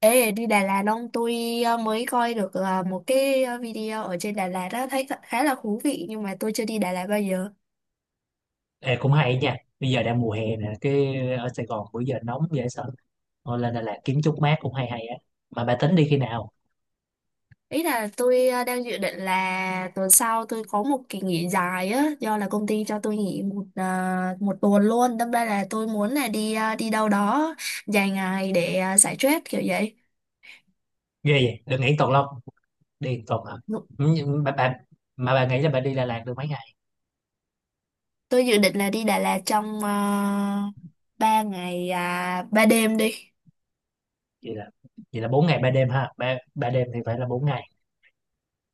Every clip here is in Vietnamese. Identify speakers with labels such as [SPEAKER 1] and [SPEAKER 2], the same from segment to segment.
[SPEAKER 1] Ê, đi Đà Lạt không? Tôi mới coi được một cái video ở trên Đà Lạt đó, thấy khá là thú vị nhưng mà tôi chưa đi Đà Lạt bao giờ.
[SPEAKER 2] Ê, cũng hay nha. Bây giờ đang mùa hè nè, cái ở Sài Gòn bữa giờ nóng dễ sợ. Thôi lên Đà Lạt kiếm chút mát cũng hay hay á. Mà bà tính đi khi nào?
[SPEAKER 1] Ý là tôi đang dự định là tuần sau tôi có một kỳ nghỉ dài á, do là công ty cho tôi nghỉ một tuần luôn. Đâm ra là tôi muốn là đi đâu đó dài ngày để giải stress kiểu vậy.
[SPEAKER 2] Ghê vậy đừng nghĩ tuần lông, đi một tuần hả?
[SPEAKER 1] Đúng.
[SPEAKER 2] Ừ, nhưng bà, mà bà nghĩ là bà đi Đà Lạt được mấy ngày?
[SPEAKER 1] Tôi dự định là đi Đà Lạt trong 3 ngày 3 đêm đi.
[SPEAKER 2] vậy là Vậy là 4 ngày 3 đêm ha, ba ba đêm thì phải là bốn ngày.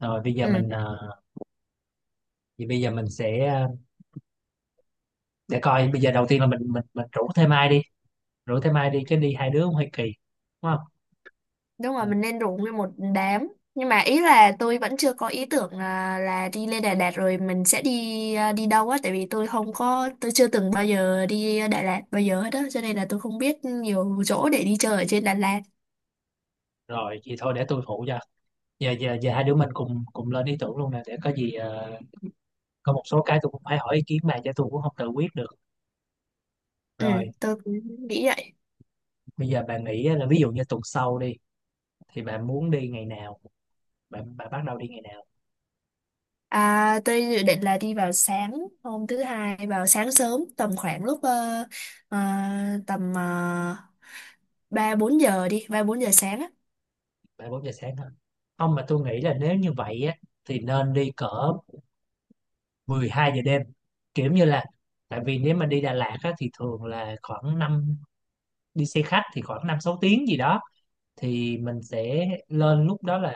[SPEAKER 2] Rồi bây giờ
[SPEAKER 1] Ừ.
[SPEAKER 2] mình thì bây giờ mình sẽ để coi. Bây giờ đầu tiên là mình rủ thêm ai đi, rủ thêm ai đi chứ đi hai đứa cũng hơi kỳ, đúng không?
[SPEAKER 1] Đúng
[SPEAKER 2] Ừ,
[SPEAKER 1] rồi, mình nên rủ nguyên một đám. Nhưng mà ý là tôi vẫn chưa có ý tưởng là đi lên Đà Lạt rồi mình sẽ đi đâu á, tại vì tôi không có tôi chưa từng bao giờ đi Đà Lạt bao giờ hết á, cho nên là tôi không biết nhiều chỗ để đi chơi ở trên Đà Lạt.
[SPEAKER 2] rồi vậy thôi để tôi phụ cho. Giờ giờ giờ hai đứa mình cùng cùng lên ý tưởng luôn nè, để có gì có một số cái tôi cũng phải hỏi ý kiến bà chứ tôi cũng không tự quyết được.
[SPEAKER 1] Ừ,
[SPEAKER 2] Rồi
[SPEAKER 1] tôi cũng nghĩ vậy.
[SPEAKER 2] bây giờ bà nghĩ á, là ví dụ như tuần sau đi thì bà muốn đi ngày nào? Bà bắt đầu đi ngày nào?
[SPEAKER 1] À, tôi dự định là đi vào sáng hôm thứ hai, vào sáng sớm tầm khoảng lúc ờ, tầm ờ, 3-4 giờ đi 3-4 giờ sáng á.
[SPEAKER 2] Bà 4 giờ sáng hả? Không, mà tôi nghĩ là nếu như vậy á thì nên đi cỡ 12 giờ đêm, kiểu như là, tại vì nếu mà đi Đà Lạt á, thì thường là khoảng năm, đi xe khách thì khoảng 5 6 tiếng gì đó. Thì mình sẽ lên lúc đó là,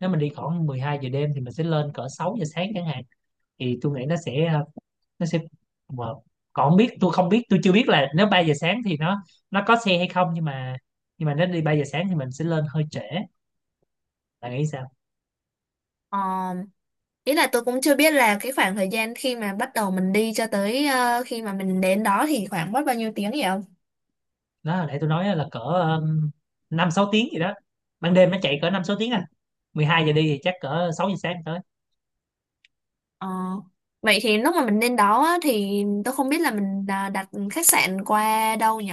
[SPEAKER 2] nếu mình đi khoảng 12 giờ đêm thì mình sẽ lên cỡ 6 giờ sáng chẳng hạn. Thì tôi nghĩ nó sẽ nó sẽ, mà còn không biết, tôi chưa biết là nếu 3 giờ sáng thì nó có xe hay không, nhưng mà nếu đi 3 giờ sáng thì mình sẽ lên hơi trễ. Bạn nghĩ sao?
[SPEAKER 1] Ờ, ý là tôi cũng chưa biết là cái khoảng thời gian khi mà bắt đầu mình đi cho tới khi mà mình đến đó thì khoảng mất bao nhiêu tiếng vậy không?
[SPEAKER 2] Đó hồi nãy tôi nói là cỡ 5 6 tiếng gì đó, ban đêm nó chạy cỡ 5 6 tiếng à, 12 giờ đi thì chắc cỡ 6 giờ sáng tới.
[SPEAKER 1] Ờ. Vậy thì lúc mà mình đến đó á, thì tôi không biết là mình đặt khách sạn qua đâu nhỉ?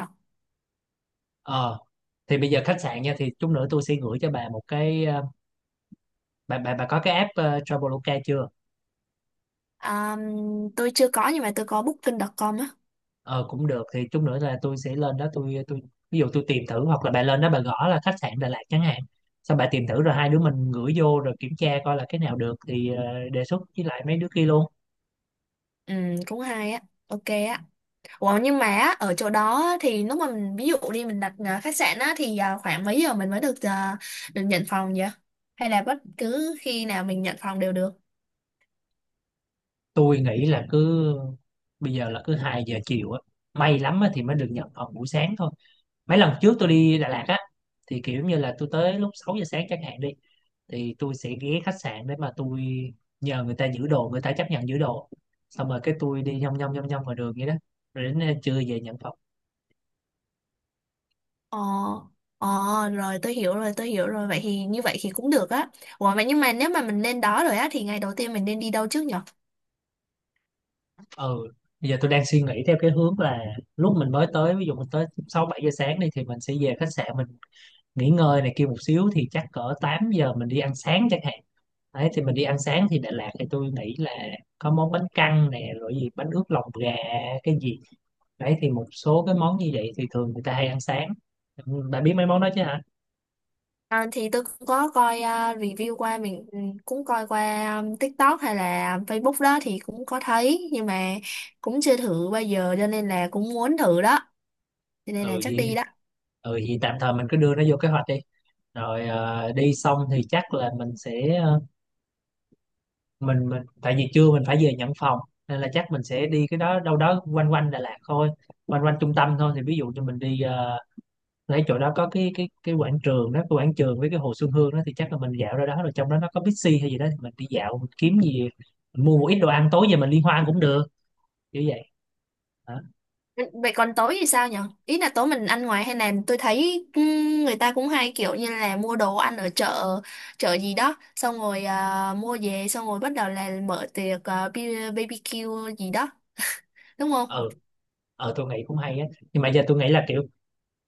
[SPEAKER 2] ờ thì bây giờ khách sạn nha, thì chút nữa tôi sẽ gửi cho bà một cái bà có cái app Traveloka chưa?
[SPEAKER 1] À, tôi chưa có nhưng mà tôi có booking.com á.
[SPEAKER 2] Ờ cũng được, thì chút nữa là tôi sẽ lên đó, tôi ví dụ tôi tìm thử, hoặc là bà lên đó bà gõ là khách sạn Đà Lạt chẳng hạn, xong bà tìm thử rồi hai đứa mình gửi vô rồi kiểm tra coi là cái nào được thì đề xuất với lại mấy đứa kia luôn.
[SPEAKER 1] Ừ, cũng hay á. Ok á. Ủa, nhưng mà á, ở chỗ đó á, thì lúc mà mình ví dụ đi, mình đặt khách sạn á, thì khoảng mấy giờ mình mới được nhận phòng vậy? Hay là bất cứ khi nào mình nhận phòng đều được?
[SPEAKER 2] Tôi nghĩ là cứ, bây giờ là cứ 2 giờ chiều á, may lắm á thì mới được nhận phòng buổi sáng thôi. Mấy lần trước tôi đi Đà Lạt á, thì kiểu như là tôi tới lúc 6 giờ sáng chẳng hạn đi, thì tôi sẽ ghé khách sạn để mà tôi nhờ người ta giữ đồ, người ta chấp nhận giữ đồ, xong rồi cái tôi đi nhông nhông nhông nhông ngoài đường vậy đó, rồi đến trưa về nhận phòng.
[SPEAKER 1] Ờ, ờ, rồi tôi hiểu rồi, tôi hiểu rồi. Vậy thì như vậy thì cũng được á. Ủa, vậy nhưng mà nếu mà mình lên đó rồi á, thì ngày đầu tiên mình nên đi đâu trước nhở?
[SPEAKER 2] Ừ, bây giờ tôi đang suy nghĩ theo cái hướng là lúc mình mới tới, ví dụ mình tới 6 7 giờ sáng đi, thì mình sẽ về khách sạn, mình nghỉ ngơi này kia một xíu, thì chắc cỡ 8 giờ mình đi ăn sáng chẳng hạn. Đấy thì mình đi ăn sáng thì Đà Lạt thì tôi nghĩ là có món bánh căn nè, rồi gì bánh ướt lòng gà cái gì, đấy thì một số cái món như vậy thì thường người ta hay ăn sáng. Ừ, bà biết mấy món đó chứ hả?
[SPEAKER 1] À, thì tôi cũng có coi review qua, mình cũng coi qua TikTok hay là Facebook đó thì cũng có thấy. Nhưng mà cũng chưa thử bao giờ cho nên là cũng muốn thử đó. Cho nên là
[SPEAKER 2] ừ
[SPEAKER 1] chắc
[SPEAKER 2] vậy
[SPEAKER 1] đi đó.
[SPEAKER 2] ừ vậy tạm thời mình cứ đưa nó vô kế hoạch đi, rồi đi xong thì chắc là mình sẽ mình, tại vì trưa mình phải về nhận phòng, nên là chắc mình sẽ đi cái đó đâu đó quanh quanh Đà Lạt thôi, quanh quanh trung tâm thôi. Thì ví dụ như mình đi lấy chỗ đó có cái cái quảng trường đó, cái quảng trường với cái hồ Xuân Hương đó, thì chắc là mình dạo ra đó, rồi trong đó nó có Bixi hay gì đó thì mình đi dạo, mình kiếm gì, mình mua một ít đồ ăn tối về mình liên hoan cũng được, kiểu vậy hả?
[SPEAKER 1] Vậy còn tối thì sao nhở? Ý là tối mình ăn ngoài hay là tôi thấy người ta cũng hay kiểu như là mua đồ ăn ở chợ chợ gì đó, xong rồi mua về xong rồi bắt đầu là mở tiệc, BBQ gì đó, đúng không?
[SPEAKER 2] Ừ, tôi nghĩ cũng hay á, nhưng mà giờ tôi nghĩ là kiểu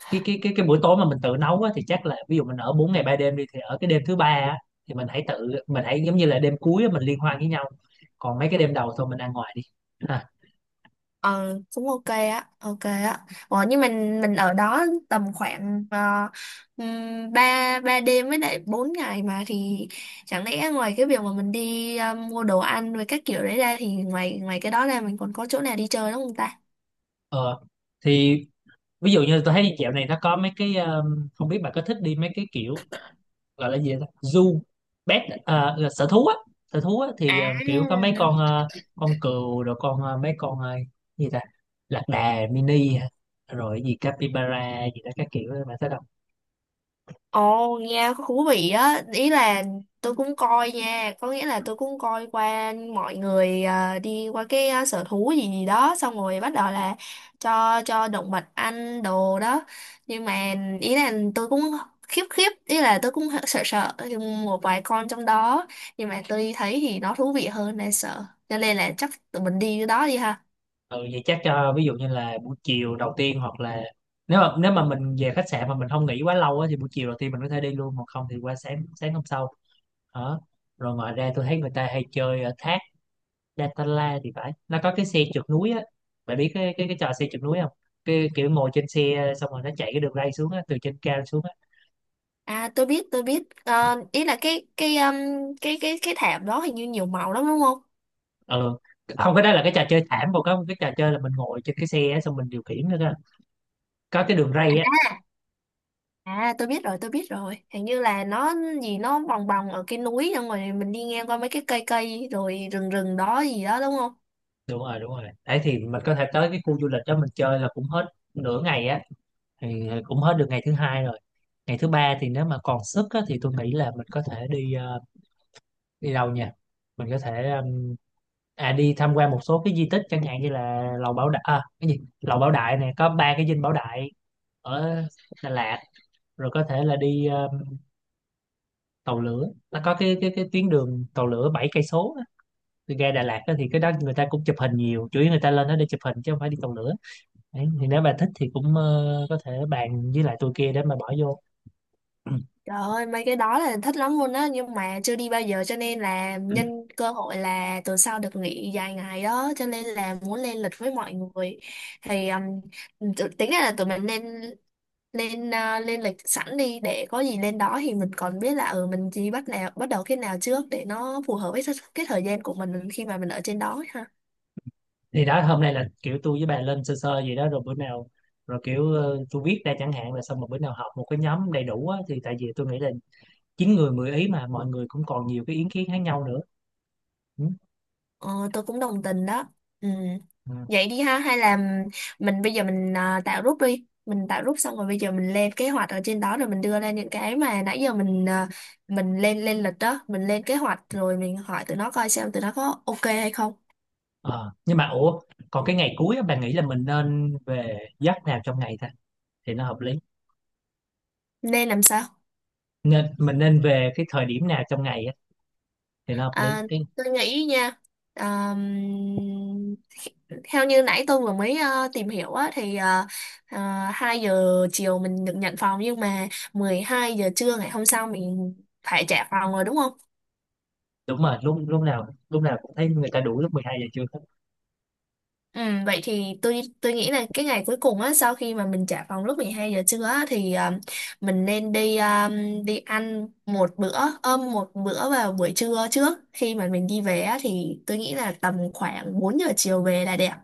[SPEAKER 2] cái buổi tối mà mình tự nấu á, thì chắc là ví dụ mình ở 4 ngày 3 đêm đi thì ở cái đêm thứ ba á, thì mình hãy giống như là đêm cuối á, mình liên hoan với nhau, còn mấy cái đêm đầu thôi mình ăn ngoài đi, ha?
[SPEAKER 1] Ờ, cũng ok á, ok á. Ủa, nhưng mình ở đó tầm khoảng 3 ba ba đêm với lại 4 ngày mà, thì chẳng lẽ ngoài cái việc mà mình đi mua đồ ăn với các kiểu đấy ra, thì ngoài ngoài cái đó ra mình còn có chỗ nào đi chơi đúng không ta?
[SPEAKER 2] Ờ thì ví dụ như tôi thấy dạo này nó có mấy cái không biết bạn có thích đi mấy cái kiểu gọi là gì đó, zoo pet à, là sở thú á? Thì
[SPEAKER 1] À,
[SPEAKER 2] kiểu có mấy con con cừu, rồi con mấy con gì ta, lạc đà mini hả? Rồi gì capybara gì đó các kiểu, bạn thấy đâu?
[SPEAKER 1] ồ, nghe có thú vị á, ý là tôi cũng coi nha, có nghĩa là tôi cũng coi qua mọi người đi qua cái sở thú gì gì đó, xong rồi bắt đầu là cho động vật ăn đồ đó, nhưng mà ý là tôi cũng khiếp khiếp, ý là tôi cũng sợ sợ một vài con trong đó, nhưng mà tôi thấy thì nó thú vị hơn là sợ, cho nên là chắc tụi mình đi cái đó đi ha.
[SPEAKER 2] Ừ, vậy chắc cho ví dụ như là buổi chiều đầu tiên, hoặc là nếu mà mình về khách sạn mà mình không nghỉ quá lâu á, thì buổi chiều đầu tiên mình có thể đi luôn, hoặc không thì qua sáng sáng hôm sau đó. Rồi ngoài ra tôi thấy người ta hay chơi ở thác Datanla thì phải, nó có cái xe trượt núi á. Bạn biết cái cái trò xe trượt núi không? Cái kiểu ngồi trên xe xong rồi nó chạy cái đường ray xuống á, từ trên cao xuống á.
[SPEAKER 1] À, tôi biết tôi biết. Ờ, ý là cái thảm đó hình như nhiều màu lắm đúng không?
[SPEAKER 2] Ừ không, cái đó là cái trò chơi thảm, còn có một cái trò chơi là mình ngồi trên cái xe á, xong mình điều khiển nữa cơ, có cái đường ray á.
[SPEAKER 1] À, tôi biết rồi, tôi biết rồi, hình như là nó gì nó bồng bồng ở cái núi xong rồi mình đi ngang qua mấy cái cây cây rồi rừng rừng đó gì đó đúng không?
[SPEAKER 2] Đúng rồi, đúng rồi, đấy thì mình có thể tới cái khu du lịch đó mình chơi là cũng hết nửa ngày á. Thì cũng hết được ngày thứ hai rồi. Ngày thứ ba thì nếu mà còn sức á, thì tôi nghĩ là mình có thể đi đi đâu nhỉ? Mình có thể à đi tham quan một số cái di tích chẳng hạn như là lầu Bảo Đại à, cái gì lầu Bảo Đại này có ba cái dinh Bảo Đại ở Đà Lạt. Rồi có thể là đi tàu lửa, nó có cái cái tuyến đường tàu lửa 7 cây số á. Từ ga Đà Lạt á, thì cái đó người ta cũng chụp hình nhiều, chủ yếu người ta lên đó để chụp hình chứ không phải đi tàu lửa. Đấy, thì nếu bà thích thì cũng có thể bàn với lại tôi kia để mà bỏ vô.
[SPEAKER 1] Trời ơi, mấy cái đó là thích lắm luôn á, nhưng mà chưa đi bao giờ cho nên là nhân cơ hội là tuần sau được nghỉ dài ngày đó cho nên là muốn lên lịch với mọi người, thì tính ra là tụi mình nên lên lịch sẵn đi để có gì lên đó thì mình còn biết là mình chỉ bắt đầu cái nào trước để nó phù hợp với cái thời gian của mình khi mà mình ở trên đó ấy ha.
[SPEAKER 2] Thì đó hôm nay là kiểu tôi với bà lên sơ sơ gì đó rồi bữa nào, rồi kiểu tôi viết ra chẳng hạn, là xong một bữa nào họp một cái nhóm đầy đủ á, thì tại vì tôi nghĩ là chín người mười ý, mà mọi người cũng còn nhiều cái ý kiến khác nhau nữa. Ừ.
[SPEAKER 1] Ờ, tôi cũng đồng tình đó. Ừ.
[SPEAKER 2] Ừ.
[SPEAKER 1] Vậy đi ha, hay là mình bây giờ tạo group đi, mình tạo group xong rồi bây giờ mình lên kế hoạch ở trên đó, rồi mình đưa ra những cái mà nãy giờ mình lên lên lịch đó, mình lên kế hoạch rồi mình hỏi tụi nó coi xem tụi nó có ok hay không.
[SPEAKER 2] Ờ, nhưng mà ủa, còn cái ngày cuối á, bà nghĩ là mình nên về giấc nào trong ngày ta, thì nó hợp lý?
[SPEAKER 1] Nên làm sao?
[SPEAKER 2] Mình nên về cái thời điểm nào trong ngày á, thì nó hợp lý?
[SPEAKER 1] À,
[SPEAKER 2] Cái
[SPEAKER 1] tôi nghĩ nha à, Theo như nãy tôi vừa mới tìm hiểu á, thì ờ, 2 giờ chiều mình được nhận phòng nhưng mà 12 giờ trưa ngày hôm sau mình phải trả phòng rồi đúng không?
[SPEAKER 2] đúng rồi, lúc lúc nào cũng thấy người ta đủ lúc 12 giờ trưa.
[SPEAKER 1] Ừ, vậy thì tôi nghĩ là cái ngày cuối cùng á, sau khi mà mình trả phòng lúc 12 giờ trưa á, mình nên đi ăn một bữa ôm một bữa vào buổi trưa trước khi mà mình đi về á, thì tôi nghĩ là tầm khoảng 4 giờ chiều về là đẹp.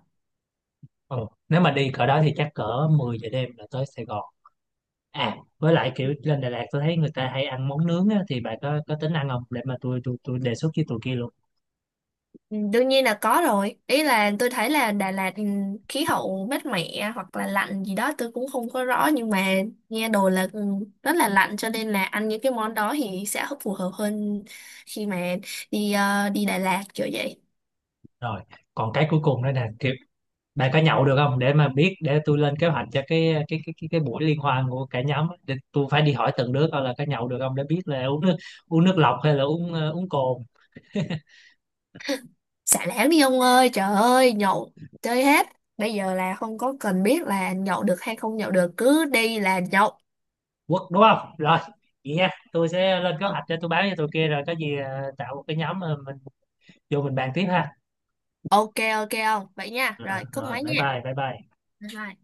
[SPEAKER 2] Ừ. Nếu mà đi cỡ đó thì chắc cỡ 10 giờ đêm là tới Sài Gòn. À, với lại kiểu lên Đà Lạt tôi thấy người ta hay ăn món nướng á, thì bà có tính ăn không? Để mà tôi đề xuất với tụi kia luôn.
[SPEAKER 1] Ừ, đương nhiên là có rồi. Ý là tôi thấy là Đà Lạt, khí hậu mát mẻ hoặc là lạnh gì đó tôi cũng không có rõ nhưng mà nghe đồn là rất là lạnh cho nên là ăn những cái món đó thì sẽ phù hợp hơn khi mà đi Đà Lạt kiểu vậy.
[SPEAKER 2] Rồi, còn cái cuối cùng đó nè, kiểu bà có nhậu được không? Để mà biết, để tôi lên kế hoạch cho cái buổi liên hoan của cả nhóm á. Để tôi phải đi hỏi từng đứa coi là có nhậu được không, để biết là uống nước lọc hay là uống uống cồn.
[SPEAKER 1] Xả láng đi ông ơi, trời ơi, nhậu chơi hết. Bây giờ là không có cần biết là nhậu được hay không nhậu được, cứ đi là nhậu.
[SPEAKER 2] Quất đúng không? Rồi, vậy nha. Tôi sẽ lên kế
[SPEAKER 1] Ờ,
[SPEAKER 2] hoạch, cho tôi báo cho tụi kia rồi có gì tạo một cái nhóm, mình vô mình bàn tiếp ha.
[SPEAKER 1] ok ok không? Vậy nha.
[SPEAKER 2] Ờ,
[SPEAKER 1] Rồi, cúp
[SPEAKER 2] rồi
[SPEAKER 1] máy
[SPEAKER 2] bye
[SPEAKER 1] nha.
[SPEAKER 2] bye bye bye
[SPEAKER 1] Bye bye.